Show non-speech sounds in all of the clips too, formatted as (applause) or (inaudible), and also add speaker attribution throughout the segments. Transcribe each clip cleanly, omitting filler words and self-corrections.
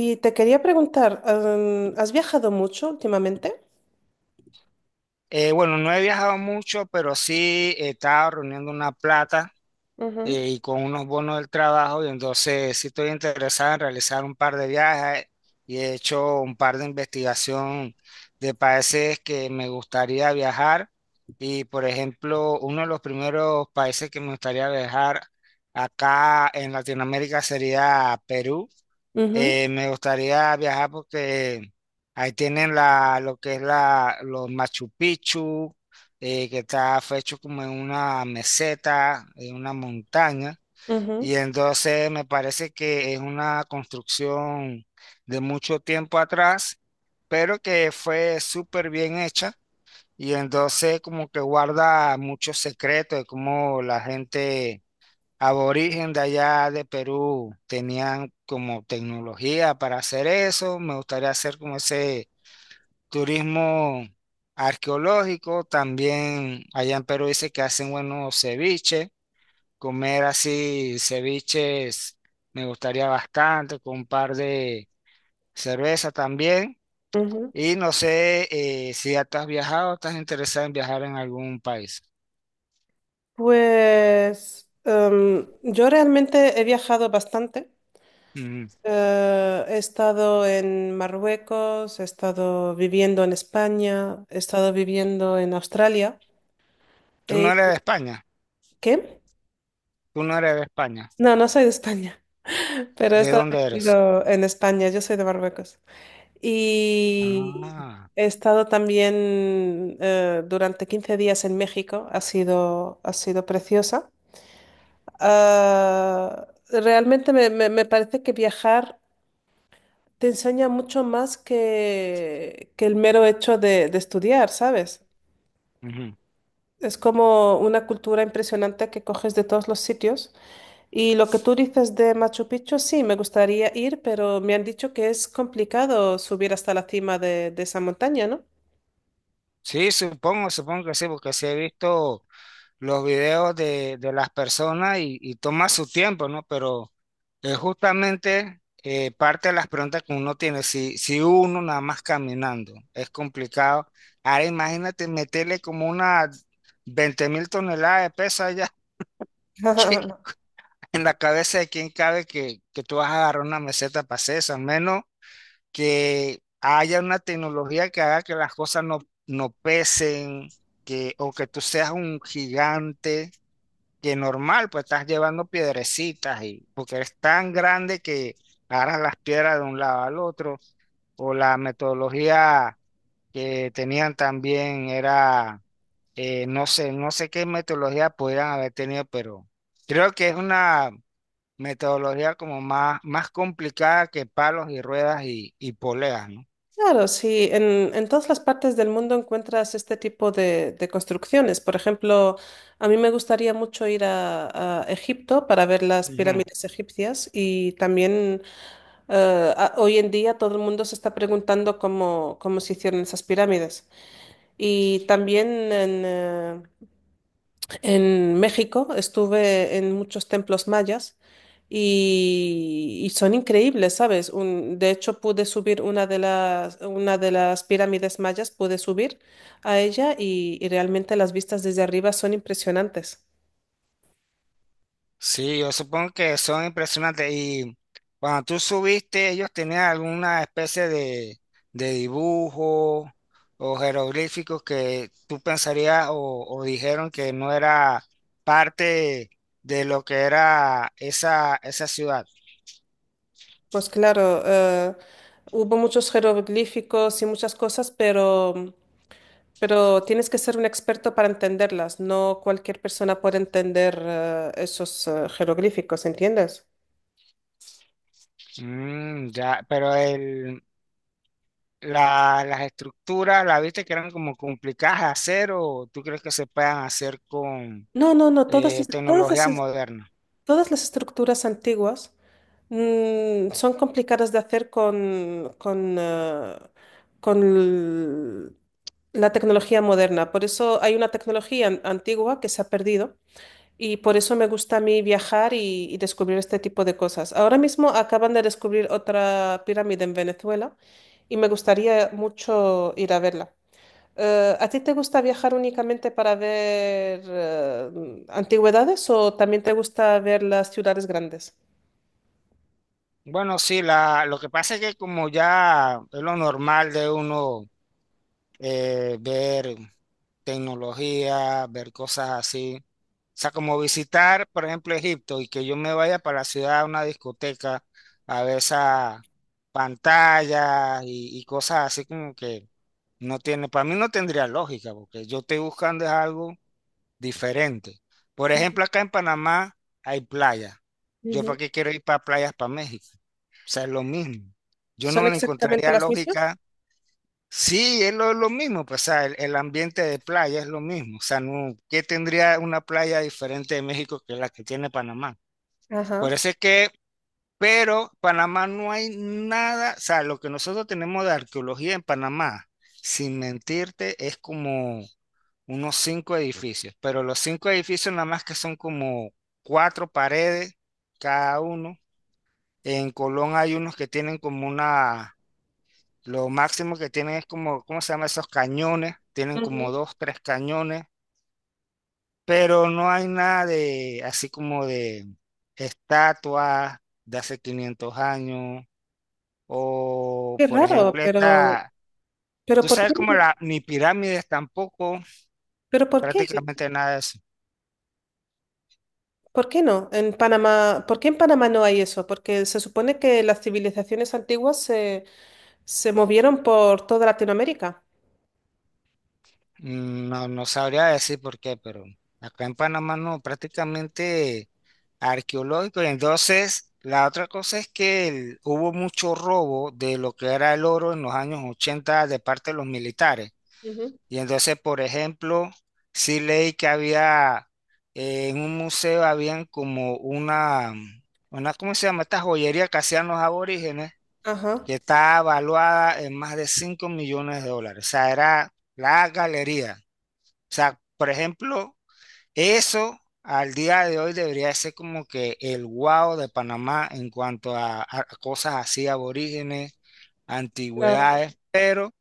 Speaker 1: Y te quería preguntar, ¿has viajado mucho últimamente?
Speaker 2: Bueno, no he viajado mucho, pero sí he estado reuniendo una plata
Speaker 1: Ujú,
Speaker 2: y con unos bonos del trabajo, y entonces sí estoy interesado en realizar un par de viajes y he hecho un par de investigación de países que me gustaría viajar. Y por ejemplo, uno de los primeros países que me gustaría viajar acá en Latinoamérica sería Perú.
Speaker 1: ujú,
Speaker 2: Me gustaría viajar porque ahí tienen la, lo que es la, los Machu Picchu, que está hecho como en una meseta, en una montaña.
Speaker 1: ujú,
Speaker 2: Y entonces me parece que es una construcción de mucho tiempo atrás, pero que fue súper bien hecha. Y entonces como que guarda muchos secretos de cómo la gente aborigen de allá de Perú tenían como tecnología para hacer eso. Me gustaría hacer como ese turismo arqueológico. También allá en Perú dice que hacen buenos ceviches. Comer así ceviches me gustaría bastante, con un par de cerveza también.
Speaker 1: ujú.
Speaker 2: Y no sé, si ya tú has viajado, estás interesado en viajar en algún país.
Speaker 1: Pues yo realmente he viajado bastante.
Speaker 2: Ujú.
Speaker 1: He estado en Marruecos, he estado viviendo en España, he estado viviendo en Australia.
Speaker 2: Tú
Speaker 1: Eh,
Speaker 2: no eres de España,
Speaker 1: ¿Qué?
Speaker 2: tú no eres de España.
Speaker 1: No, no soy de España, (laughs) pero he
Speaker 2: ¿De
Speaker 1: estado
Speaker 2: dónde eres?
Speaker 1: viviendo en España, yo soy de Marruecos. Y
Speaker 2: Ah,
Speaker 1: he estado también durante 15 días en México, ha sido preciosa. Ah, realmente me parece que viajar te enseña mucho más que el mero hecho de estudiar, ¿sabes?
Speaker 2: ujú.
Speaker 1: Es como una cultura impresionante que coges de todos los sitios. Y lo que tú dices de Machu Picchu, sí, me gustaría ir, pero me han dicho que es complicado subir hasta la cima de esa montaña, ¿no?
Speaker 2: Sí, supongo, supongo que sí, porque sí he visto los videos de las personas, y toma su tiempo, ¿no? Pero es justamente, parte de las preguntas que uno tiene. Si uno nada más caminando es complicado, ahora imagínate meterle como unas 20.000 toneladas de peso allá (laughs) que-
Speaker 1: (laughs)
Speaker 2: en la cabeza de quién cabe que tú vas a agarrar una meseta para hacer eso, al menos. Que haya una tecnología que haga que las cosas no pesen, o que tú seas un gigante, que normal, pues estás llevando piedrecitas y porque eres tan grande que agarras las piedras de un lado al otro, o la metodología que tenían también era, no sé, no sé qué metodología podían haber tenido, pero creo que es una metodología como más, más complicada que palos y ruedas y poleas, ¿no?
Speaker 1: Claro, sí, en todas las partes del mundo encuentras este tipo de construcciones. Por ejemplo, a mí me gustaría mucho ir a Egipto para ver las
Speaker 2: Ujú.
Speaker 1: pirámides egipcias y también hoy en día todo el mundo se está preguntando cómo se hicieron esas pirámides. Y también en, eh, en México estuve en muchos templos mayas y son increíbles, ¿sabes? Un- de hecho, pude subir una de una de las pirámides mayas, pude subir a ella y realmente las vistas desde arriba son impresionantes.
Speaker 2: Sí, yo supongo que son impresionantes. Y cuando tú subiste, ellos tenían alguna especie de dibujo o jeroglíficos que tú pensarías, o dijeron que no era parte de lo que era esa ciudad.
Speaker 1: Pues claro, hubo muchos jeroglíficos y muchas cosas, pero tienes que ser un experto para entenderlas. No cualquier persona puede entender, esos, jeroglíficos, ¿entiendes?
Speaker 2: Mm, ya, pero las estructuras, ¿la viste que eran como complicadas de hacer o tú crees que se puedan hacer con
Speaker 1: No, no, no, todas,
Speaker 2: tecnología
Speaker 1: es-
Speaker 2: moderna?
Speaker 1: todas las estructuras antiguas mm, son complicadas de hacer con la tecnología moderna. Por eso hay una tecnología an- antigua que se ha perdido y por eso me gusta a mí viajar y descubrir este tipo de cosas. Ahora mismo acaban de descubrir otra pirámide en Venezuela y me gustaría mucho ir a verla. ¿A ti te gusta viajar únicamente para ver antigüedades o también te gusta ver las ciudades grandes?
Speaker 2: Bueno, sí, lo que pasa es que como ya es lo normal de uno, ver tecnología, ver cosas así, o sea, como visitar, por ejemplo, Egipto, y que yo me vaya para la ciudad a una discoteca a ver esas pantallas y cosas así como que no tiene, para mí no tendría lógica, porque yo estoy buscando es algo diferente. Por ejemplo, acá en Panamá hay playa. ¿Yo
Speaker 1: Ujú.
Speaker 2: para qué quiero ir para playas para México? O sea, es lo mismo. Yo
Speaker 1: ¿Son
Speaker 2: no le
Speaker 1: exactamente
Speaker 2: encontraría
Speaker 1: las mismas?
Speaker 2: lógica. Sí, es lo mismo, pues, o sea, el ambiente de playa es lo mismo. O sea, no, ¿qué tendría una playa diferente de México que la que tiene Panamá? Por
Speaker 1: Ajá.
Speaker 2: eso es que, pero Panamá no hay nada, o sea, lo que nosotros tenemos de arqueología en Panamá, sin mentirte, es como unos cinco edificios, pero los cinco edificios nada más que son como cuatro paredes cada uno. En Colón hay unos que tienen como una, lo máximo que tienen es como, ¿cómo se llama? Esos cañones, tienen como
Speaker 1: Ujú.
Speaker 2: dos, tres cañones, pero no hay nada de, así como de estatuas de hace 500 años, o
Speaker 1: Qué
Speaker 2: por
Speaker 1: raro,
Speaker 2: ejemplo
Speaker 1: pero, ¿pero
Speaker 2: tú
Speaker 1: por
Speaker 2: sabes
Speaker 1: qué
Speaker 2: como
Speaker 1: no?
Speaker 2: la, ni pirámides tampoco,
Speaker 1: ¿Pero por qué?
Speaker 2: prácticamente nada de eso.
Speaker 1: ¿Por qué no? En Panamá, ¿por qué en Panamá no hay eso? Porque se supone que las civilizaciones antiguas se movieron por toda Latinoamérica.
Speaker 2: Mm, no, no sabría decir por qué, pero acá en Panamá no, prácticamente arqueológico. Y entonces, la otra cosa es que hubo mucho robo de lo que era el oro en los años 80 de parte de los militares.
Speaker 1: Ujú.
Speaker 2: Y entonces, por ejemplo, sí leí que había, en un museo habían como una, ¿cómo se llama? Esta joyería que hacían los aborígenes, que
Speaker 1: Ajá,
Speaker 2: está evaluada en más de 5 millones de dólares. O sea, era la galería. O sea, por ejemplo, eso al día de hoy debería ser como que el wow de Panamá en cuanto a cosas así, aborígenes,
Speaker 1: claro.
Speaker 2: antigüedades, pero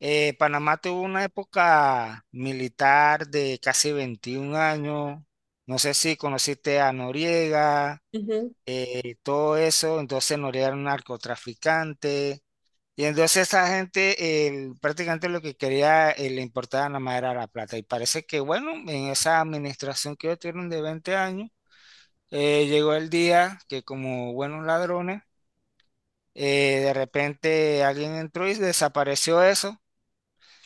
Speaker 2: Panamá tuvo una época militar de casi 21 años. No sé si conociste a Noriega.
Speaker 1: Ujú.
Speaker 2: Todo eso, entonces Noriega era un narcotraficante. Y entonces esa gente prácticamente lo que quería, le importaba nada más era la plata. Y parece que, bueno, en esa administración que ellos tuvieron de 20 años, llegó el día que como buenos ladrones, de repente alguien entró y desapareció eso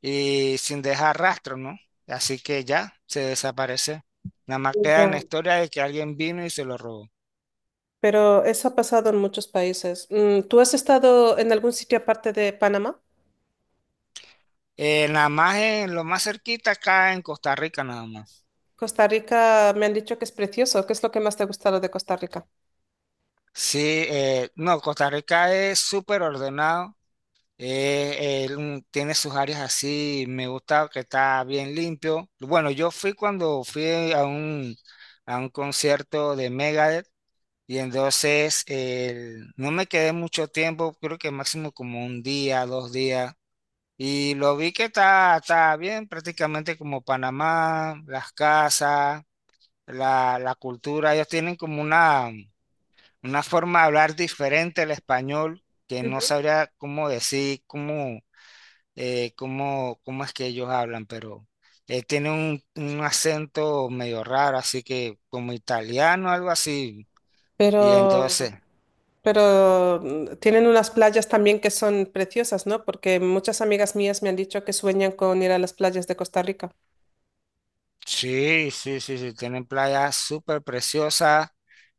Speaker 2: y sin dejar rastro, ¿no? Así que ya se desaparece. Nada más queda en la
Speaker 1: Ya.
Speaker 2: historia de que alguien vino y se lo robó.
Speaker 1: Pero eso ha pasado en muchos países. Mm, ¿tú has estado en algún sitio aparte de Panamá?
Speaker 2: Nada más en lo más cerquita acá en Costa Rica, nada más.
Speaker 1: Costa Rica me han dicho que es precioso. ¿Qué es lo que más te ha gustado de Costa Rica?
Speaker 2: Sí, no, Costa Rica es súper ordenado, tiene sus áreas así, me gusta que está bien limpio. Bueno, yo fui cuando fui a un concierto de Megadeth, y entonces no me quedé mucho tiempo, creo que máximo como un día, 2 días, y lo vi que está, está bien, prácticamente como Panamá, las casas, la cultura, ellos tienen como una forma de hablar diferente al español que no
Speaker 1: Ujú.
Speaker 2: sabría cómo decir, cómo es que ellos hablan, pero tiene un acento medio raro, así que como italiano, algo así. Y
Speaker 1: Pero,
Speaker 2: entonces.
Speaker 1: pero mm, tienen unas playas también que son preciosas, ¿no? Porque muchas amigas mías me han dicho que sueñan con ir a las playas de Costa Rica.
Speaker 2: Sí, sí, sí, sí, tienen playas súper preciosas.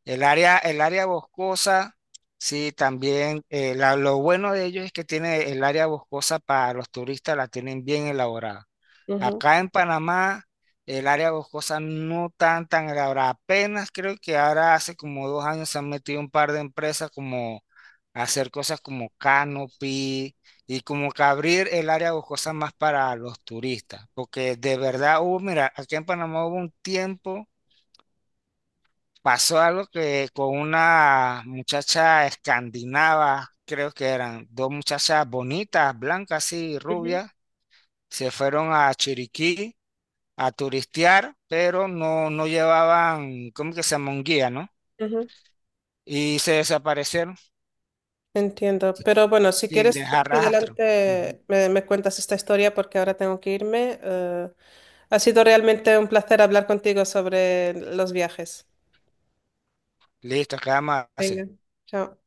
Speaker 2: El área boscosa, sí, también. Lo bueno de ellos es que tiene el área boscosa para los turistas, la tienen bien elaborada.
Speaker 1: Ujú,
Speaker 2: Acá en Panamá, el área boscosa no tan, tan elaborada. Apenas creo que ahora hace como 2 años se han metido un par de empresas como a hacer cosas como canopy y como que abrir el área boscosa más para los turistas, porque de verdad hubo, mira, aquí en Panamá hubo un tiempo, pasó algo que con una muchacha escandinava, creo que eran dos muchachas bonitas, blancas y
Speaker 1: ujú,
Speaker 2: rubias, se fueron a Chiriquí a turistear, pero no, no llevaban, ¿cómo que se llama? Un guía, ¿no?
Speaker 1: ujú.
Speaker 2: Y se desaparecieron
Speaker 1: Entiendo, pero bueno, si
Speaker 2: sin
Speaker 1: quieres más
Speaker 2: dejar rastro. Ujú.
Speaker 1: adelante me cuentas esta historia porque ahora tengo que irme. Ha sido realmente un placer hablar contigo sobre los viajes.
Speaker 2: Listo, quedamos así.
Speaker 1: Venga, chao.